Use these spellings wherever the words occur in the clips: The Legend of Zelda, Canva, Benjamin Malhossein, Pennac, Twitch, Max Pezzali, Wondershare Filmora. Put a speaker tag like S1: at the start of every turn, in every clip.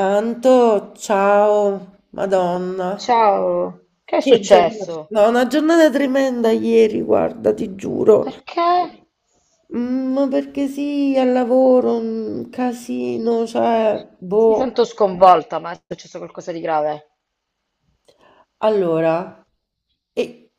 S1: Anto, ciao, Madonna.
S2: Ciao, che è
S1: Che giornata.
S2: successo?
S1: No, una giornata tremenda ieri, guarda, ti giuro.
S2: Perché?
S1: Ma perché sì, al lavoro, un casino, cioè,
S2: Ti
S1: boh.
S2: sento sconvolta, ma è successo qualcosa di grave?
S1: Allora, e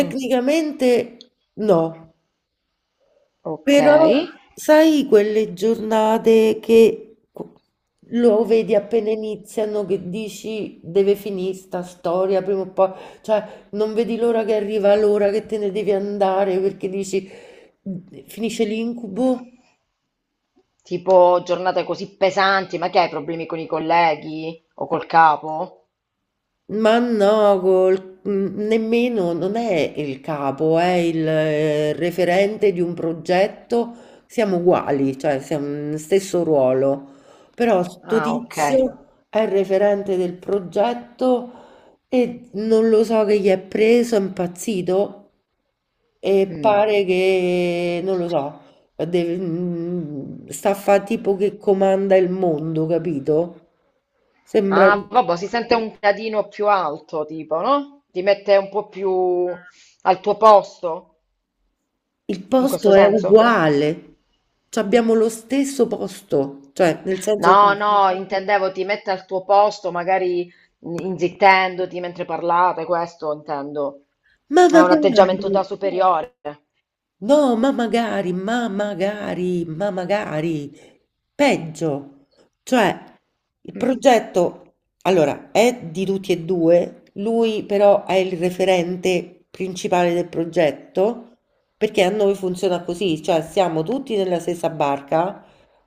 S2: Mm,
S1: no.
S2: ok,
S1: Però sai quelle giornate che lo vedi appena iniziano, che dici deve finire sta storia prima o poi, cioè non vedi l'ora che arriva l'ora che te ne devi andare perché dici finisce l'incubo.
S2: tipo giornate così pesanti, ma che hai problemi con i colleghi o col capo?
S1: Ma no, nemmeno, non è il capo, è il referente di un progetto, siamo uguali, cioè siamo nello stesso ruolo, però sto
S2: Ah, ok.
S1: tizio è il referente del progetto e non lo so che gli è preso, è impazzito e
S2: Mm.
S1: pare che, non lo so, sta a fa tipo che comanda il mondo, capito? Sembra...
S2: Ah, vabbè, si sente un gradino più alto, tipo, no? Ti mette un po' più al tuo posto,
S1: Il
S2: in questo
S1: posto è
S2: senso?
S1: uguale, c'abbiamo lo stesso posto, cioè nel senso,
S2: No, no, intendevo ti mette al tuo posto, magari inzittendoti mentre parlate, questo intendo.
S1: ma
S2: Ha un atteggiamento
S1: magari!
S2: da superiore.
S1: No, ma magari, ma magari, ma magari. Peggio. Cioè, il progetto, allora, è di tutti e due, lui però è il referente principale del progetto, perché a noi funziona così, cioè siamo tutti nella stessa barca,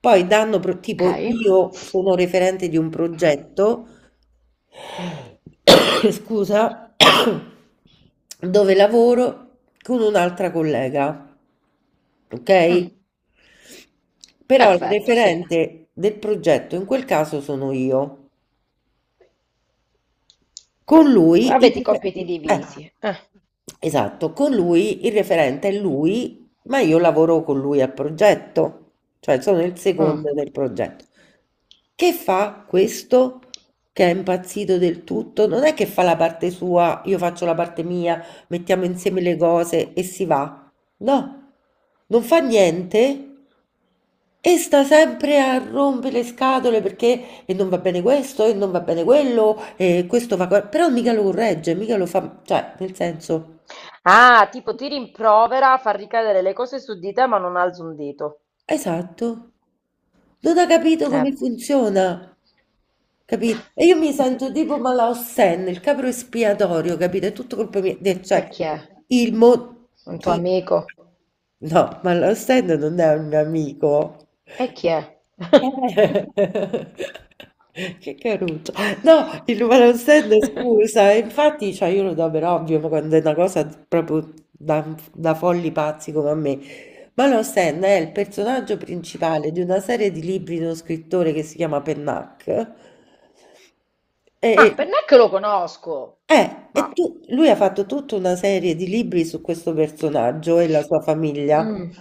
S1: poi danno,
S2: Ok?
S1: tipo, io sono referente di un progetto, scusa, dove lavoro con un'altra collega, ok?
S2: Mm,
S1: Però il
S2: perfetto, sì.
S1: referente del progetto in quel caso sono io. Con lui
S2: Avete i compiti
S1: eh,
S2: divisi. Eh,
S1: esatto, con lui il referente è lui, ma io lavoro con lui al progetto, cioè sono il
S2: mm.
S1: secondo del progetto. Che fa questo? Che è impazzito del tutto, non è che fa la parte sua, io faccio la parte mia, mettiamo insieme le cose e si va. No, non fa niente e sta sempre a rompere le scatole perché e non va bene questo e non va bene quello e questo va... Però mica lo corregge, mica lo fa... Cioè, nel senso...
S2: Ah, tipo ti rimprovera, fa ricadere le cose su di te, ma non alza un dito.
S1: Esatto. Non ha capito
S2: Eh.
S1: come funziona. Capito? E io mi sento tipo Malao Sen, il capro espiatorio, capito? È tutto colpa mia.
S2: E
S1: Cioè,
S2: chi è?
S1: il mo...
S2: Un tuo
S1: Chi...
S2: amico?
S1: No, Malao Sen non è un mio amico.
S2: E chi è?
S1: Eh. Che caruccio. No, il numero stand, scusa, e infatti, cioè, io lo do per ovvio, ma quando è una cosa proprio da, da folli pazzi come a me. Ma lo stand è il personaggio principale di una serie di libri di uno scrittore che si chiama Pennac. E,
S2: Ma per me che lo conosco, ma
S1: lui ha fatto tutta una serie di libri su questo personaggio e la sua famiglia,
S2: mm.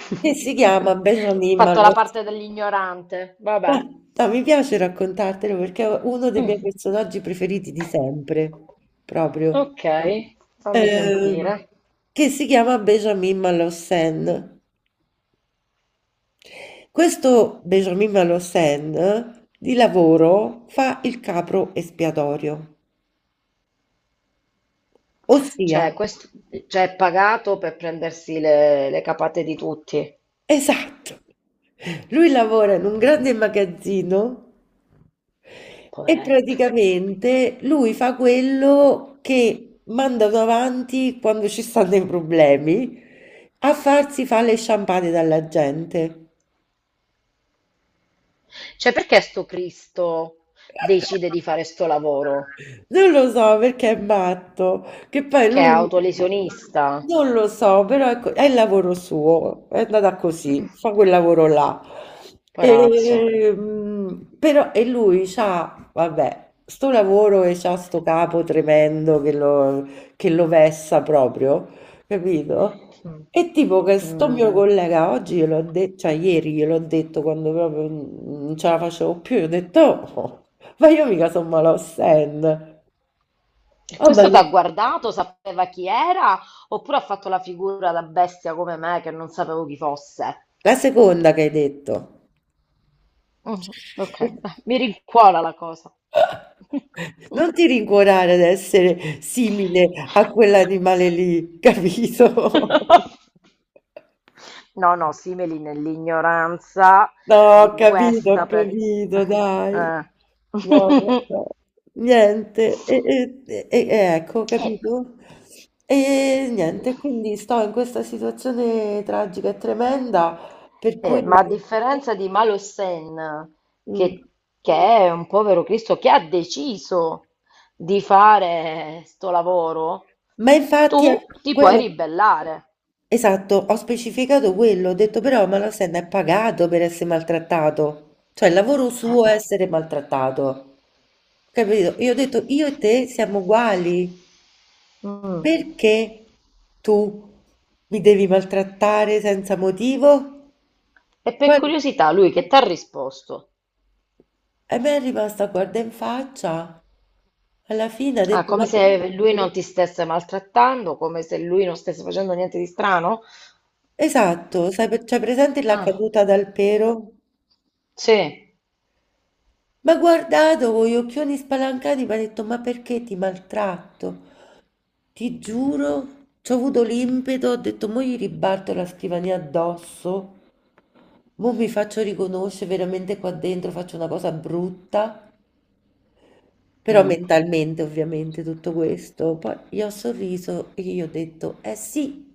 S1: che si chiama Benjamin
S2: Fatto la
S1: Malone.
S2: parte dell'ignorante,
S1: No,
S2: vabbè.
S1: no, mi piace raccontartelo perché è uno dei
S2: Mm.
S1: miei personaggi preferiti di sempre, proprio,
S2: Ok, fammi
S1: ehm,
S2: sentire.
S1: che si chiama Benjamin Malhossein. Questo Benjamin Malhossein di lavoro fa il capro espiatorio, ossia
S2: Cioè, questo, cioè, è pagato per prendersi le capate di tutti,
S1: esatto. Lui lavora in un grande magazzino e
S2: poveretto.
S1: praticamente lui fa quello che mandano avanti quando ci stanno i problemi, a farsi fare le sciampate dalla gente.
S2: Cioè, perché sto Cristo decide di fare sto lavoro?
S1: Non lo so perché è matto, che poi
S2: Che è
S1: lui
S2: autolesionista?
S1: non lo so, però ecco, è il lavoro suo, è andata così,
S2: Mm.
S1: fa quel lavoro là.
S2: Poverazzo.
S1: E, però, e lui c'ha, vabbè, sto lavoro e c'ha sto capo tremendo che lo vessa proprio, capito?
S2: Mm.
S1: E tipo che sto
S2: Mm.
S1: mio collega oggi gliel'ho detto, cioè ieri gliel'ho detto quando proprio non ce la facevo più, gli ho detto, "Oh, ma io mica sono Malaussen".
S2: E
S1: Vabbè,
S2: questo ti ha guardato, sapeva chi era, oppure ha fatto la figura da bestia come me che non sapevo chi fosse?
S1: la seconda che hai detto.
S2: Mm, ok, beh, mi rincuora la cosa.
S1: Non ti rincuorare ad essere simile a quell'animale lì, capito?
S2: No, no, simili nell'ignoranza
S1: No,
S2: di
S1: ho
S2: questa...
S1: capito, dai.
S2: eh.
S1: No, vabbè. Niente, e, e- e- e- ecco,
S2: Eh.
S1: capito? E niente, quindi sto in questa situazione tragica e tremenda per cui...
S2: Ma a differenza di Malo Sen,
S1: Mm.
S2: che, che è un povero Cristo che ha deciso di fare sto lavoro,
S1: Ma infatti è
S2: tu ti puoi
S1: quello,
S2: ribellare.
S1: esatto, ho specificato quello, ho detto però ma la Senna è pagato per essere maltrattato, cioè il lavoro suo è
S2: Eh,
S1: essere maltrattato, capito? Io ho detto io e te siamo uguali,
S2: mm.
S1: perché tu mi devi maltrattare senza motivo?
S2: E per
S1: Poi
S2: curiosità, lui che ti ha risposto?
S1: e mi è rimasta guarda in faccia, alla fine ha
S2: Ah,
S1: detto ma...
S2: come se lui non ti stesse maltrattando, come se lui non stesse facendo niente di strano?
S1: Esatto, sai, c'è presente la
S2: Ah,
S1: caduta dal pero?
S2: sì.
S1: M'ha guardato con gli occhioni spalancati, mi ha detto: ma perché ti maltratto? Ti giuro, ci ho avuto l'impeto, ho detto: mo gli ribatto la scrivania addosso, mo mi faccio riconoscere veramente qua dentro, faccio una cosa brutta. Però
S2: Mm.
S1: mentalmente, ovviamente, tutto questo. Poi gli ho sorriso e gli ho detto: eh sì,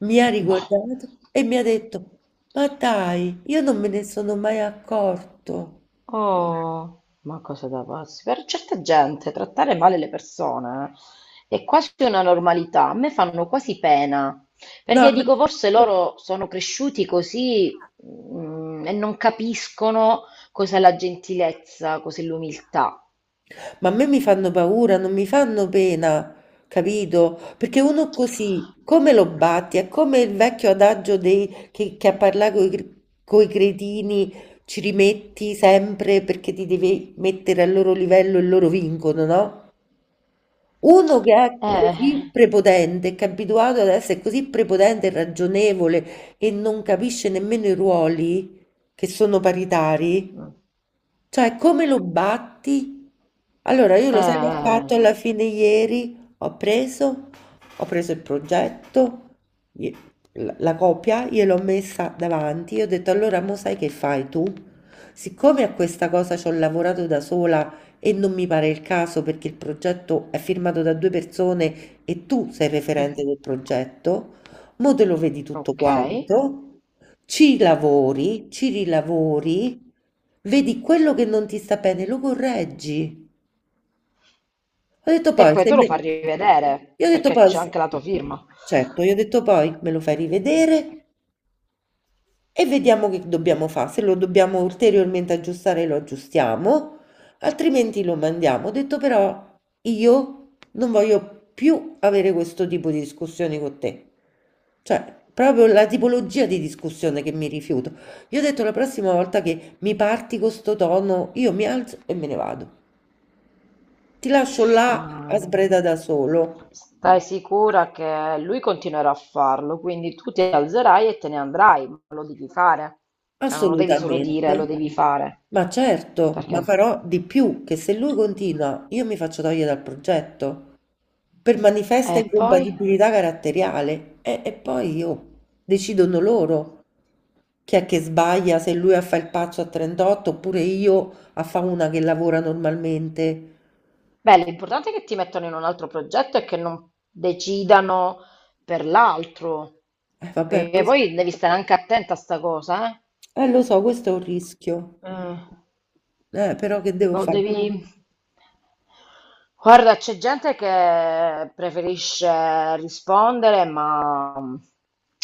S1: mi ha
S2: Boh.
S1: riguardato e mi ha detto: ma dai, io non me ne sono mai accorto.
S2: Oh, ma cosa da pazzi? Per certa gente trattare male le persone, è quasi una normalità, a me fanno quasi pena,
S1: No,
S2: perché
S1: no.
S2: dico forse loro sono cresciuti così, e non capiscono cos'è la gentilezza, cos'è l'umiltà.
S1: Ma a me mi fanno paura, non mi fanno pena, capito? Perché uno così, come lo batti? È come il vecchio adagio che a parlare con i cretini ci rimetti sempre perché ti devi mettere al loro livello e loro vincono, no? Uno che è
S2: Eh,
S1: così prepotente, che è abituato ad essere così prepotente e ragionevole e non capisce nemmeno i ruoli che sono paritari, cioè, come lo batti? Allora, io lo sai che ho fatto
S2: eh,
S1: alla fine ieri? Ho preso il progetto, gli- la, la copia, gliel'ho messa davanti, io ho detto allora, mo sai che fai tu? Siccome a questa cosa ci ho lavorato da sola e non mi pare il caso perché il progetto è firmato da due persone e tu sei referente del progetto, mo te lo vedi tutto
S2: ok, e
S1: quanto. Ci lavori, ci rilavori, vedi quello che non ti sta bene, lo correggi. Ho detto poi,
S2: poi
S1: se
S2: te lo
S1: me...
S2: fa rivedere,
S1: Io ho detto
S2: perché
S1: poi,
S2: c'è anche la tua firma.
S1: certo, io ho detto poi, me lo fai rivedere e vediamo che dobbiamo fa', se lo dobbiamo ulteriormente aggiustare lo aggiustiamo, altrimenti lo mandiamo. Ho detto però io non voglio più avere questo tipo di discussioni con te. Cioè, proprio la tipologia di discussione che mi rifiuto. Io ho detto la prossima volta che mi parti con sto tono, io mi alzo e me ne vado. Ti lascio là
S2: Ma
S1: a sbreda da solo.
S2: stai sicura che lui continuerà a farlo, quindi tu ti alzerai e te ne andrai, ma lo devi fare. Cioè, non lo devi solo dire,
S1: Assolutamente.
S2: lo devi fare.
S1: Ma certo, ma
S2: Perché?
S1: farò di più, che se lui continua, io mi faccio togliere dal progetto per
S2: E
S1: manifesta
S2: poi?
S1: incompatibilità caratteriale e poi io decidono loro chi è che sbaglia, se lui a fa il pazzo a 38 oppure io a fa una che lavora normalmente.
S2: Beh, l'importante è che ti mettano in un altro progetto e che non decidano per l'altro.
S1: Vabbè,
S2: Perché
S1: questo-
S2: poi devi stare anche attenta a sta cosa, eh?
S1: lo so, questo è un rischio,
S2: Mm.
S1: però che devo
S2: Lo
S1: fare?
S2: devi... Guarda, c'è gente che preferisce rispondere ma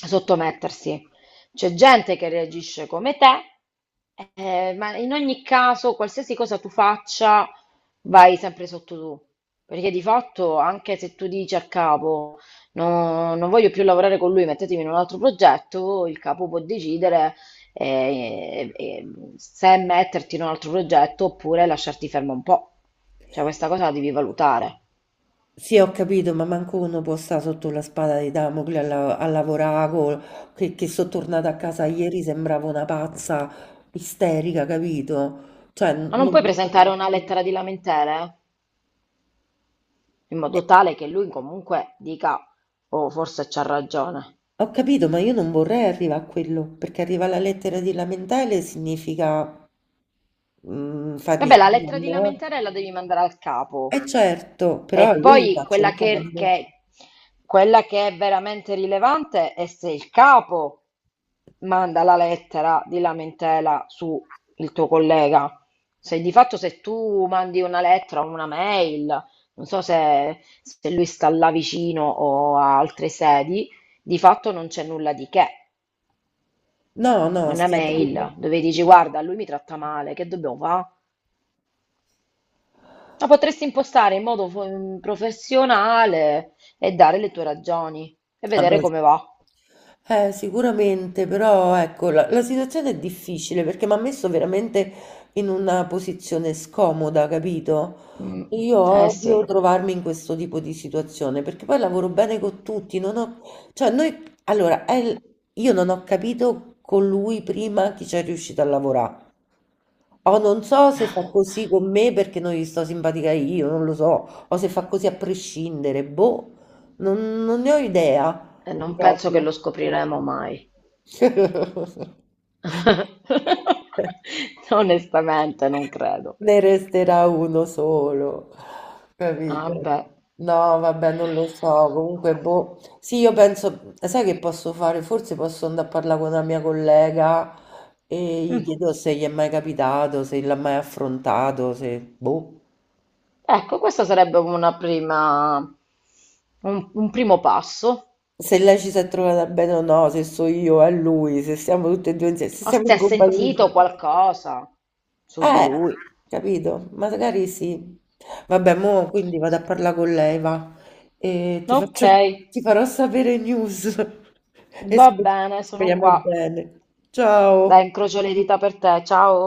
S2: sottomettersi. C'è gente che reagisce come te, ma in ogni caso, qualsiasi cosa tu faccia, vai sempre sotto tu. Perché di fatto, anche se tu dici al capo, "No, non voglio più lavorare con lui, mettetemi in un altro progetto", il capo può decidere, eh, eh, se metterti in un altro progetto oppure lasciarti fermo un po'. Cioè, questa cosa la devi valutare.
S1: Sì, ho capito, ma manco uno può stare sotto la spada di Damocle a, a lavorare, che sono tornata a casa ieri sembravo una pazza isterica, capito? Cioè,
S2: Ma non puoi presentare una lettera di lamentele, eh? In
S1: eh,
S2: modo tale che lui comunque dica, oh, forse c'ha ragione.
S1: ho capito, ma io non vorrei arrivare a quello, perché arrivare alla lettera di lamentele significa fargli
S2: Vabbè, la
S1: danno.
S2: lettera di
S1: No?
S2: lamentele la devi mandare al capo.
S1: Eh certo, però a
S2: E
S1: lui
S2: poi
S1: faccio il danno.
S2: quella che è veramente rilevante è se il capo manda la lettera di lamentela su il tuo collega. Se di fatto se tu mandi una lettera o una mail, non so se lui sta là vicino o a altre sedi, di fatto non c'è nulla di che.
S1: No, no,
S2: Una
S1: stiamo...
S2: mail, mhm, dove dici guarda, lui mi tratta male, che dobbiamo fare? Ma potresti impostare in modo professionale e dare le tue ragioni e
S1: Vabbè,
S2: vedere come va.
S1: eh, sicuramente, però ecco, la situazione è difficile perché mi ha messo veramente in una posizione scomoda, capito?
S2: Mm.
S1: Io
S2: Eh sì,
S1: odio trovarmi in questo tipo di situazione perché poi lavoro bene con tutti, non ho, cioè noi, allora, io non ho capito con lui prima chi c'è riuscito a lavorare. O non so se fa così con me perché non gli sto simpatica io, non lo so, o se fa così a prescindere, boh, non ne ho idea
S2: e non penso che
S1: proprio.
S2: lo scopriremo mai. Onestamente non credo.
S1: Ne resterà uno solo,
S2: Ah,
S1: capito?
S2: beh.
S1: No, vabbè, non lo so, comunque, boh. Sì, io penso, sai che posso fare? Forse posso andare a parlare con una mia collega e gli
S2: Mm.
S1: chiedo se gli è mai capitato, se l'ha mai affrontato, se, boh.
S2: Ecco, questo sarebbe una prima, un primo passo.
S1: Se lei ci si è trovata bene o no, se so io, è lui, se siamo tutte e due insieme, se
S2: O
S1: siamo
S2: se ha
S1: incompatibili.
S2: sentito qualcosa su di
S1: Eh,
S2: lui.
S1: capito? Magari sì. Vabbè, mo quindi vado a parlare con lei, va. E ti
S2: Ok,
S1: faccio, ti farò sapere news. E
S2: va bene, sono
S1: speriamo
S2: qua.
S1: bene. Ciao.
S2: Dai, incrocio le dita per te. Ciao.